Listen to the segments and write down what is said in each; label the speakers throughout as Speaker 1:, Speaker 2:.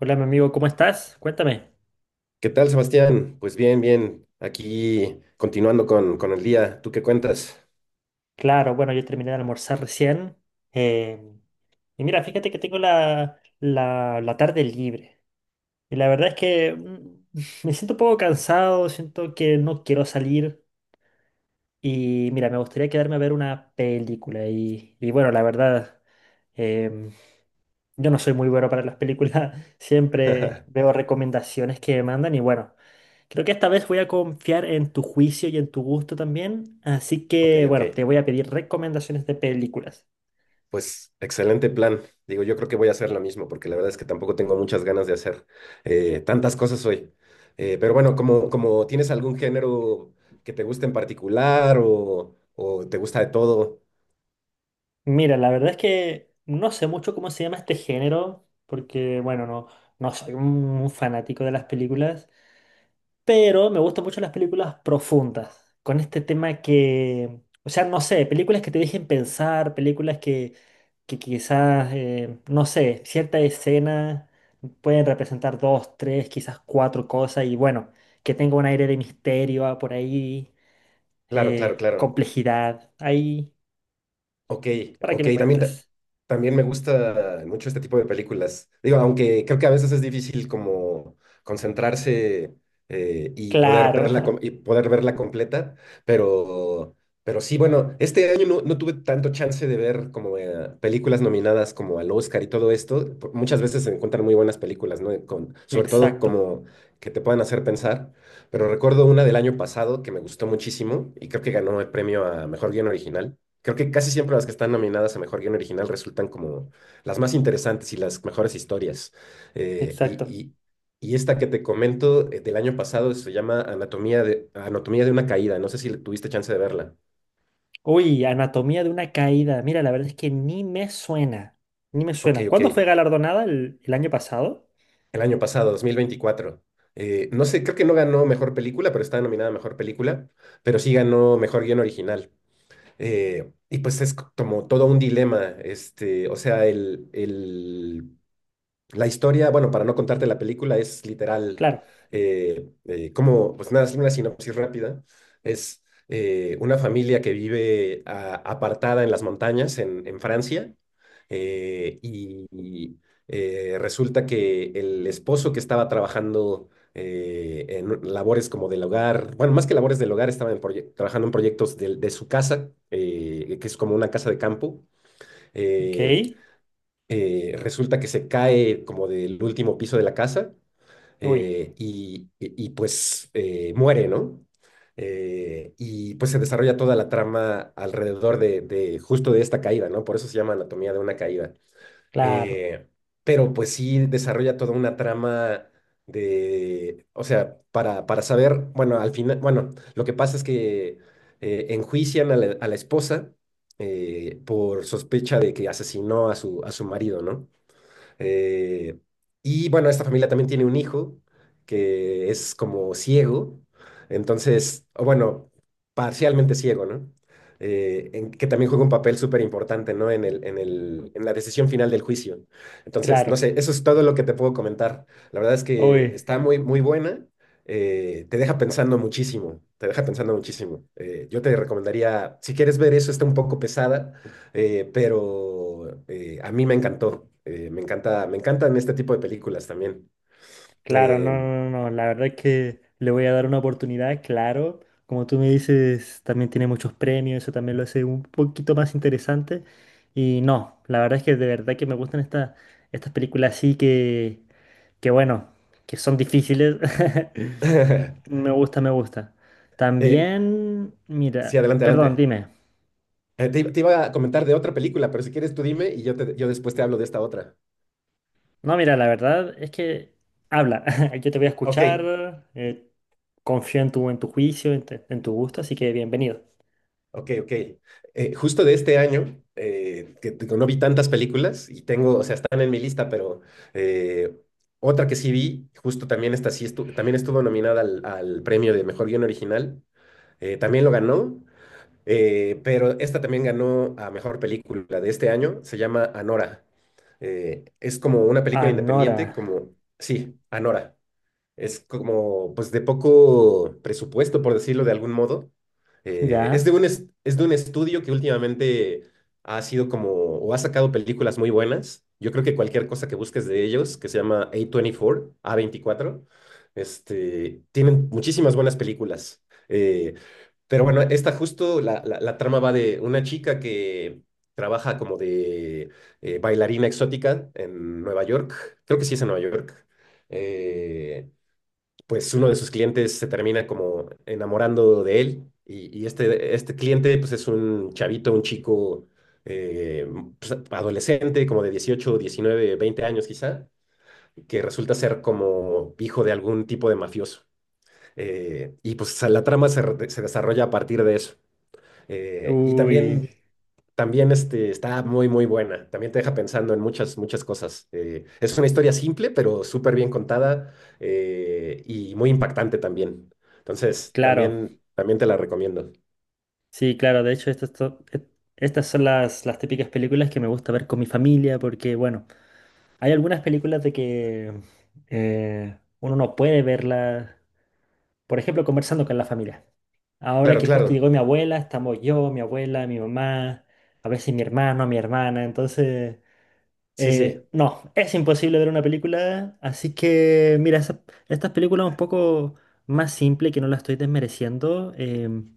Speaker 1: Hola, mi amigo, ¿cómo estás? Cuéntame.
Speaker 2: ¿Qué tal, Sebastián? Pues bien, bien. Aquí continuando con el día. ¿Tú qué cuentas?
Speaker 1: Claro, bueno, yo terminé de almorzar recién. eh, y mira, fíjate que tengo la tarde libre. Y la verdad es que me siento un poco cansado, siento que no quiero salir. Y mira, me gustaría quedarme a ver una película. Y bueno, la verdad, em, yo no soy muy bueno para las películas, siempre veo recomendaciones que me mandan y bueno, creo que esta vez voy a confiar en tu juicio y en tu gusto también, así
Speaker 2: Ok,
Speaker 1: que
Speaker 2: ok.
Speaker 1: bueno, te voy a pedir recomendaciones de películas.
Speaker 2: Pues excelente plan. Digo, yo creo que voy a hacer lo mismo porque la verdad es que tampoco tengo muchas ganas de hacer tantas cosas hoy. Pero bueno, como tienes algún género que te guste en particular o te gusta de todo.
Speaker 1: Mira, la verdad es que no sé mucho cómo se llama este género, porque bueno, no, no soy un fanático de las películas. Pero me gustan mucho las películas profundas, con este tema que, o sea, no sé, películas que te dejen pensar, películas que quizás, no sé, cierta escena pueden representar dos, tres, quizás cuatro cosas y bueno, que tenga un aire de misterio ah, por ahí,
Speaker 2: Claro, claro, claro.
Speaker 1: complejidad, ahí,
Speaker 2: Ok,
Speaker 1: para que
Speaker 2: ok,
Speaker 1: me
Speaker 2: también,
Speaker 1: cuentes.
Speaker 2: también me gusta mucho este tipo de películas. Digo, aunque creo que a veces es difícil como concentrarse y poder
Speaker 1: Claro,
Speaker 2: verla, y poder verla completa, pero, pero sí, bueno, este año no, no tuve tanto chance de ver como películas nominadas como al Oscar y todo esto. Muchas veces se encuentran muy buenas películas, ¿no? Con, sobre todo
Speaker 1: exacto,
Speaker 2: como que te puedan hacer pensar, pero recuerdo una del año pasado que me gustó muchísimo y creo que ganó el premio a Mejor Guión Original. Creo que casi siempre las que están nominadas a Mejor Guión Original resultan como las más interesantes y las mejores historias. Eh, y,
Speaker 1: exacto.
Speaker 2: y- y esta que te comento del año pasado se llama Anatomía de una Caída. No sé si tuviste chance de verla.
Speaker 1: Uy, Anatomía de una caída. Mira, la verdad es que ni me suena. Ni me
Speaker 2: Ok,
Speaker 1: suena.
Speaker 2: ok.
Speaker 1: ¿Cuándo fue galardonada? ¿El año pasado?
Speaker 2: El año pasado, 2024. No sé, creo que no ganó Mejor Película, pero está nominada a Mejor Película, pero sí ganó Mejor Guión Original. Y pues como todo un dilema, este, o sea, el La historia, bueno, para no contarte la película, es literal,
Speaker 1: Claro.
Speaker 2: como, pues nada, es una sinopsis rápida. Es una familia que vive apartada en las montañas en Francia eh, y, y, resulta que el esposo que estaba trabajando en labores como del hogar, bueno, más que labores del hogar, estaba en trabajando en proyectos de su casa, que es como una casa de campo.
Speaker 1: Ok.
Speaker 2: eh, Resulta que se cae como del último piso de la casa
Speaker 1: Uy,
Speaker 2: pues muere, ¿no? Y pues se desarrolla toda la trama alrededor de justo de esta caída, ¿no? Por eso se llama Anatomía de una caída.
Speaker 1: claro,
Speaker 2: Eh, pero pues sí desarrolla toda una trama de, o sea, para saber, bueno, al final, bueno, lo que pasa es que enjuician a la esposa por sospecha de que asesinó a su marido, ¿no? Eh, y bueno, esta familia también tiene un hijo que es como ciego, entonces, o bueno, parcialmente ciego, ¿no? Que también juega un papel súper importante, ¿no? En la decisión final del juicio. Entonces, no
Speaker 1: claro.
Speaker 2: sé, eso es todo lo que te puedo comentar. La verdad es que
Speaker 1: Uy,
Speaker 2: está muy, muy buena. Te deja pensando muchísimo, te deja pensando muchísimo. Yo te recomendaría, si quieres ver eso, está un poco pesada, pero a mí me encantó. Me encanta, me encantan este tipo de películas también.
Speaker 1: claro,
Speaker 2: Eh,
Speaker 1: no, no, no, no, la verdad es que le voy a dar una oportunidad, claro. Como tú me dices, también tiene muchos premios, eso también lo hace un poquito más interesante. Y no, la verdad es que de verdad que me gustan estas películas así que bueno, que son difíciles. Me gusta, me gusta.
Speaker 2: eh,
Speaker 1: También,
Speaker 2: sí,
Speaker 1: mira,
Speaker 2: adelante,
Speaker 1: perdón,
Speaker 2: adelante.
Speaker 1: dime.
Speaker 2: Te, te iba a comentar de otra película, pero si quieres tú dime y yo después te hablo de esta otra.
Speaker 1: No, mira, la verdad es que habla. Yo te voy a
Speaker 2: Ok,
Speaker 1: escuchar. Confío en tu juicio, en tu gusto, así que bienvenido.
Speaker 2: ok, ok. Justo de este año, que no vi tantas películas y tengo, o sea, están en mi lista, pero eh, otra que sí vi, justo también esta sí también estuvo nominada al, al premio de Mejor Guión Original. También lo ganó. Pero esta también ganó a mejor película de este año, se llama Anora. Es como una película
Speaker 1: Anora,
Speaker 2: independiente, como, sí, Anora. Es como, pues, de poco presupuesto, por decirlo de algún modo. Eh, es
Speaker 1: ¿ya?
Speaker 2: de un, es, es de un estudio que últimamente ha sido como, o ha sacado películas muy buenas. Yo creo que cualquier cosa que busques de ellos, que se llama A24, a veinticuatro este, tienen muchísimas buenas películas. Eh, pero bueno, esta justo, la trama va de una chica que trabaja como de bailarina exótica en Nueva York. Creo que sí es en Nueva York. Eh, pues uno de sus clientes se termina como enamorando de él y este cliente pues es un chavito, un chico eh, pues, adolescente como de 18, 19, 20 años quizá, que resulta ser como hijo de algún tipo de mafioso. Y pues la trama se desarrolla a partir de eso. Y
Speaker 1: Uy,
Speaker 2: también también este, está muy, muy buena. También te deja pensando en muchas, muchas cosas. Es una historia simple, pero súper bien contada y muy impactante también. Entonces,
Speaker 1: claro.
Speaker 2: también, también te la recomiendo.
Speaker 1: Sí, claro. De hecho, estas son las típicas películas que me gusta ver con mi familia porque, bueno, hay algunas películas de que uno no puede verlas, por ejemplo, conversando con la familia. Ahora
Speaker 2: Claro,
Speaker 1: que justo
Speaker 2: claro.
Speaker 1: llegó mi abuela, estamos yo, mi abuela, mi mamá, a veces mi hermano, mi hermana. Entonces,
Speaker 2: Sí, sí.
Speaker 1: no, es imposible ver una película. Así que, mira, estas películas un poco más simples, que no las estoy desmereciendo, em,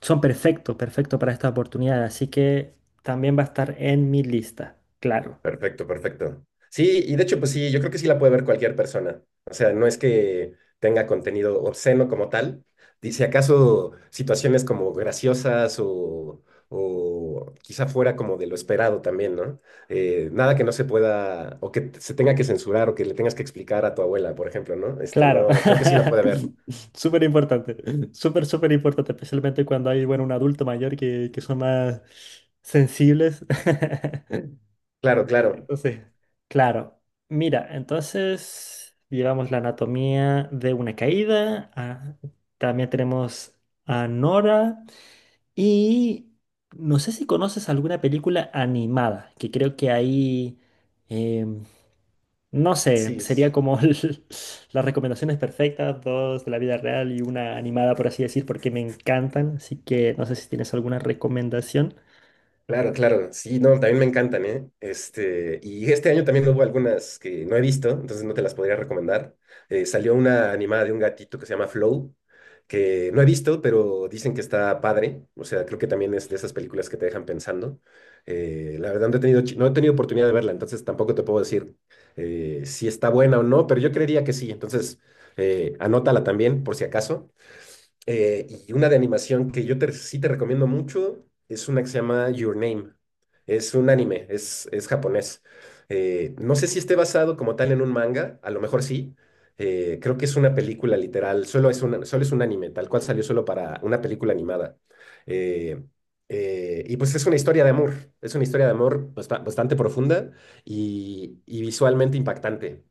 Speaker 1: son perfectos, perfectos para esta oportunidad. Así que también va a estar en mi lista, claro.
Speaker 2: Perfecto, perfecto. Sí, y de hecho, pues sí, yo creo que sí la puede ver cualquier persona. O sea, no es que tenga contenido obsceno como tal. Dice acaso situaciones como graciosas o quizá fuera como de lo esperado también, ¿no? Nada que no se pueda, o que se tenga que censurar, o que le tengas que explicar a tu abuela, por ejemplo, ¿no? Este,
Speaker 1: Claro,
Speaker 2: no, creo que sí la puede ver.
Speaker 1: súper importante, súper, súper importante, especialmente cuando hay, bueno, un adulto mayor que son más sensibles.
Speaker 2: Claro, claro.
Speaker 1: Entonces, claro, mira, entonces llevamos la Anatomía de una caída, ah, también tenemos a Nora y no sé si conoces alguna película animada, que creo que ahí... em, no sé,
Speaker 2: Sí. Sí.
Speaker 1: sería como las recomendaciones perfectas, dos de la vida real y una animada, por así decir, porque me encantan. Así que no sé si tienes alguna recomendación.
Speaker 2: Claro, claro, sí, no, también me encantan, ¿eh? Este, y este año también hubo algunas que no he visto, entonces no te las podría recomendar. Salió una animada de un gatito que se llama Flow, que no he visto, pero dicen que está padre, o sea, creo que también es de esas películas que te dejan pensando. La verdad no he tenido, no he tenido oportunidad de verla, entonces tampoco te puedo decir si está buena o no, pero yo creería que sí, entonces anótala también por si acaso. Y una de animación que sí te recomiendo mucho es una que se llama Your Name. Es un anime, es japonés. No sé si esté basado como tal en un manga, a lo mejor sí. Creo que es una película literal, solo es un anime, tal cual salió solo para una película animada. Eh, y pues es una historia de amor, es una historia de amor bastante profunda y visualmente impactante.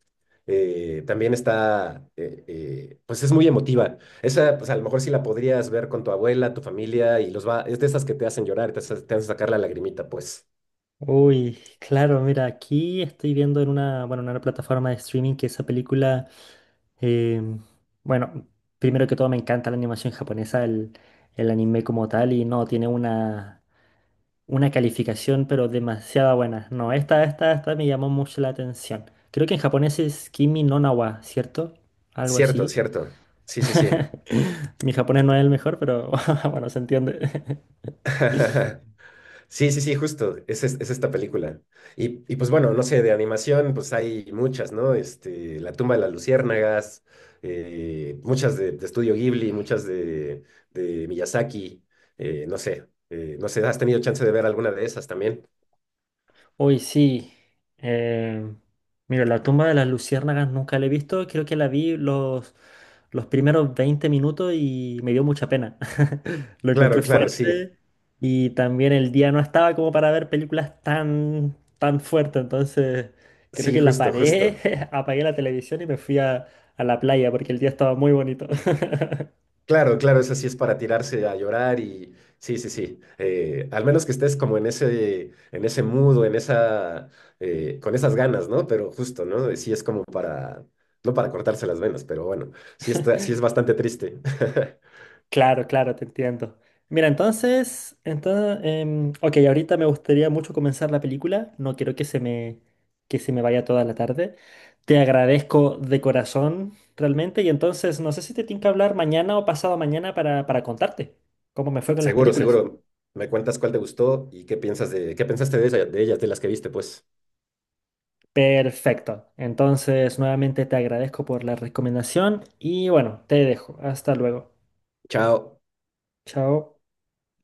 Speaker 2: Pues es muy emotiva. Esa, pues a lo mejor sí la podrías ver con tu abuela, tu familia, y los va. Es de esas que te hacen llorar, te hacen sacar la lagrimita, pues.
Speaker 1: Uy, claro, mira, aquí estoy viendo en una, bueno, en una plataforma de streaming que esa película, em, bueno, primero que todo me encanta la animación japonesa, el anime como tal, y no, tiene una una calificación, pero demasiado buena. No, esta me llamó mucho la atención. Creo que en japonés es Kimi no na wa, ¿cierto? Algo
Speaker 2: Cierto,
Speaker 1: así.
Speaker 2: cierto. Sí, sí, sí.
Speaker 1: Mi japonés no es el mejor, pero bueno, se entiende.
Speaker 2: Sí, sí, sí, justo. Es esta película. Y pues bueno, no sé, de animación, pues hay muchas, ¿no? Este, La tumba de las luciérnagas, muchas de Estudio Ghibli, de Miyazaki, no sé, ¿has tenido chance de ver alguna de esas también?
Speaker 1: Hoy sí. eh, Mira, La tumba de las luciérnagas nunca la he visto. Creo que la vi los primeros 20 minutos y me dio mucha pena. Lo
Speaker 2: Claro,
Speaker 1: encontré
Speaker 2: claro, sí.
Speaker 1: fuerte y también el día no estaba como para ver películas tan, tan fuertes. Entonces, creo
Speaker 2: Sí,
Speaker 1: que la
Speaker 2: justo,
Speaker 1: paré,
Speaker 2: justo.
Speaker 1: apagué la televisión y me fui a la playa porque el día estaba muy bonito.
Speaker 2: Claro, claro, esa sí es para tirarse a llorar y sí, sí, sí. Al menos que estés como en ese mood o en esa, con esas ganas, ¿no? Pero justo, ¿no? Sí es como para, no para cortarse las venas, pero bueno, sí está, sí es bastante triste.
Speaker 1: Claro, claro, te entiendo. Mira, entonces, entonces, ok, ahorita me gustaría mucho comenzar la película. No quiero que se me vaya toda la tarde. Te agradezco de corazón, realmente. Y entonces, no sé si te tengo que hablar mañana o pasado mañana para contarte cómo me fue con las
Speaker 2: Seguro,
Speaker 1: películas.
Speaker 2: seguro. Me cuentas cuál te gustó y qué piensas de, qué pensaste de de ellas, de las que viste, pues.
Speaker 1: Perfecto. Entonces, nuevamente te agradezco por la recomendación y bueno, te dejo. Hasta luego.
Speaker 2: Chao.
Speaker 1: Chao.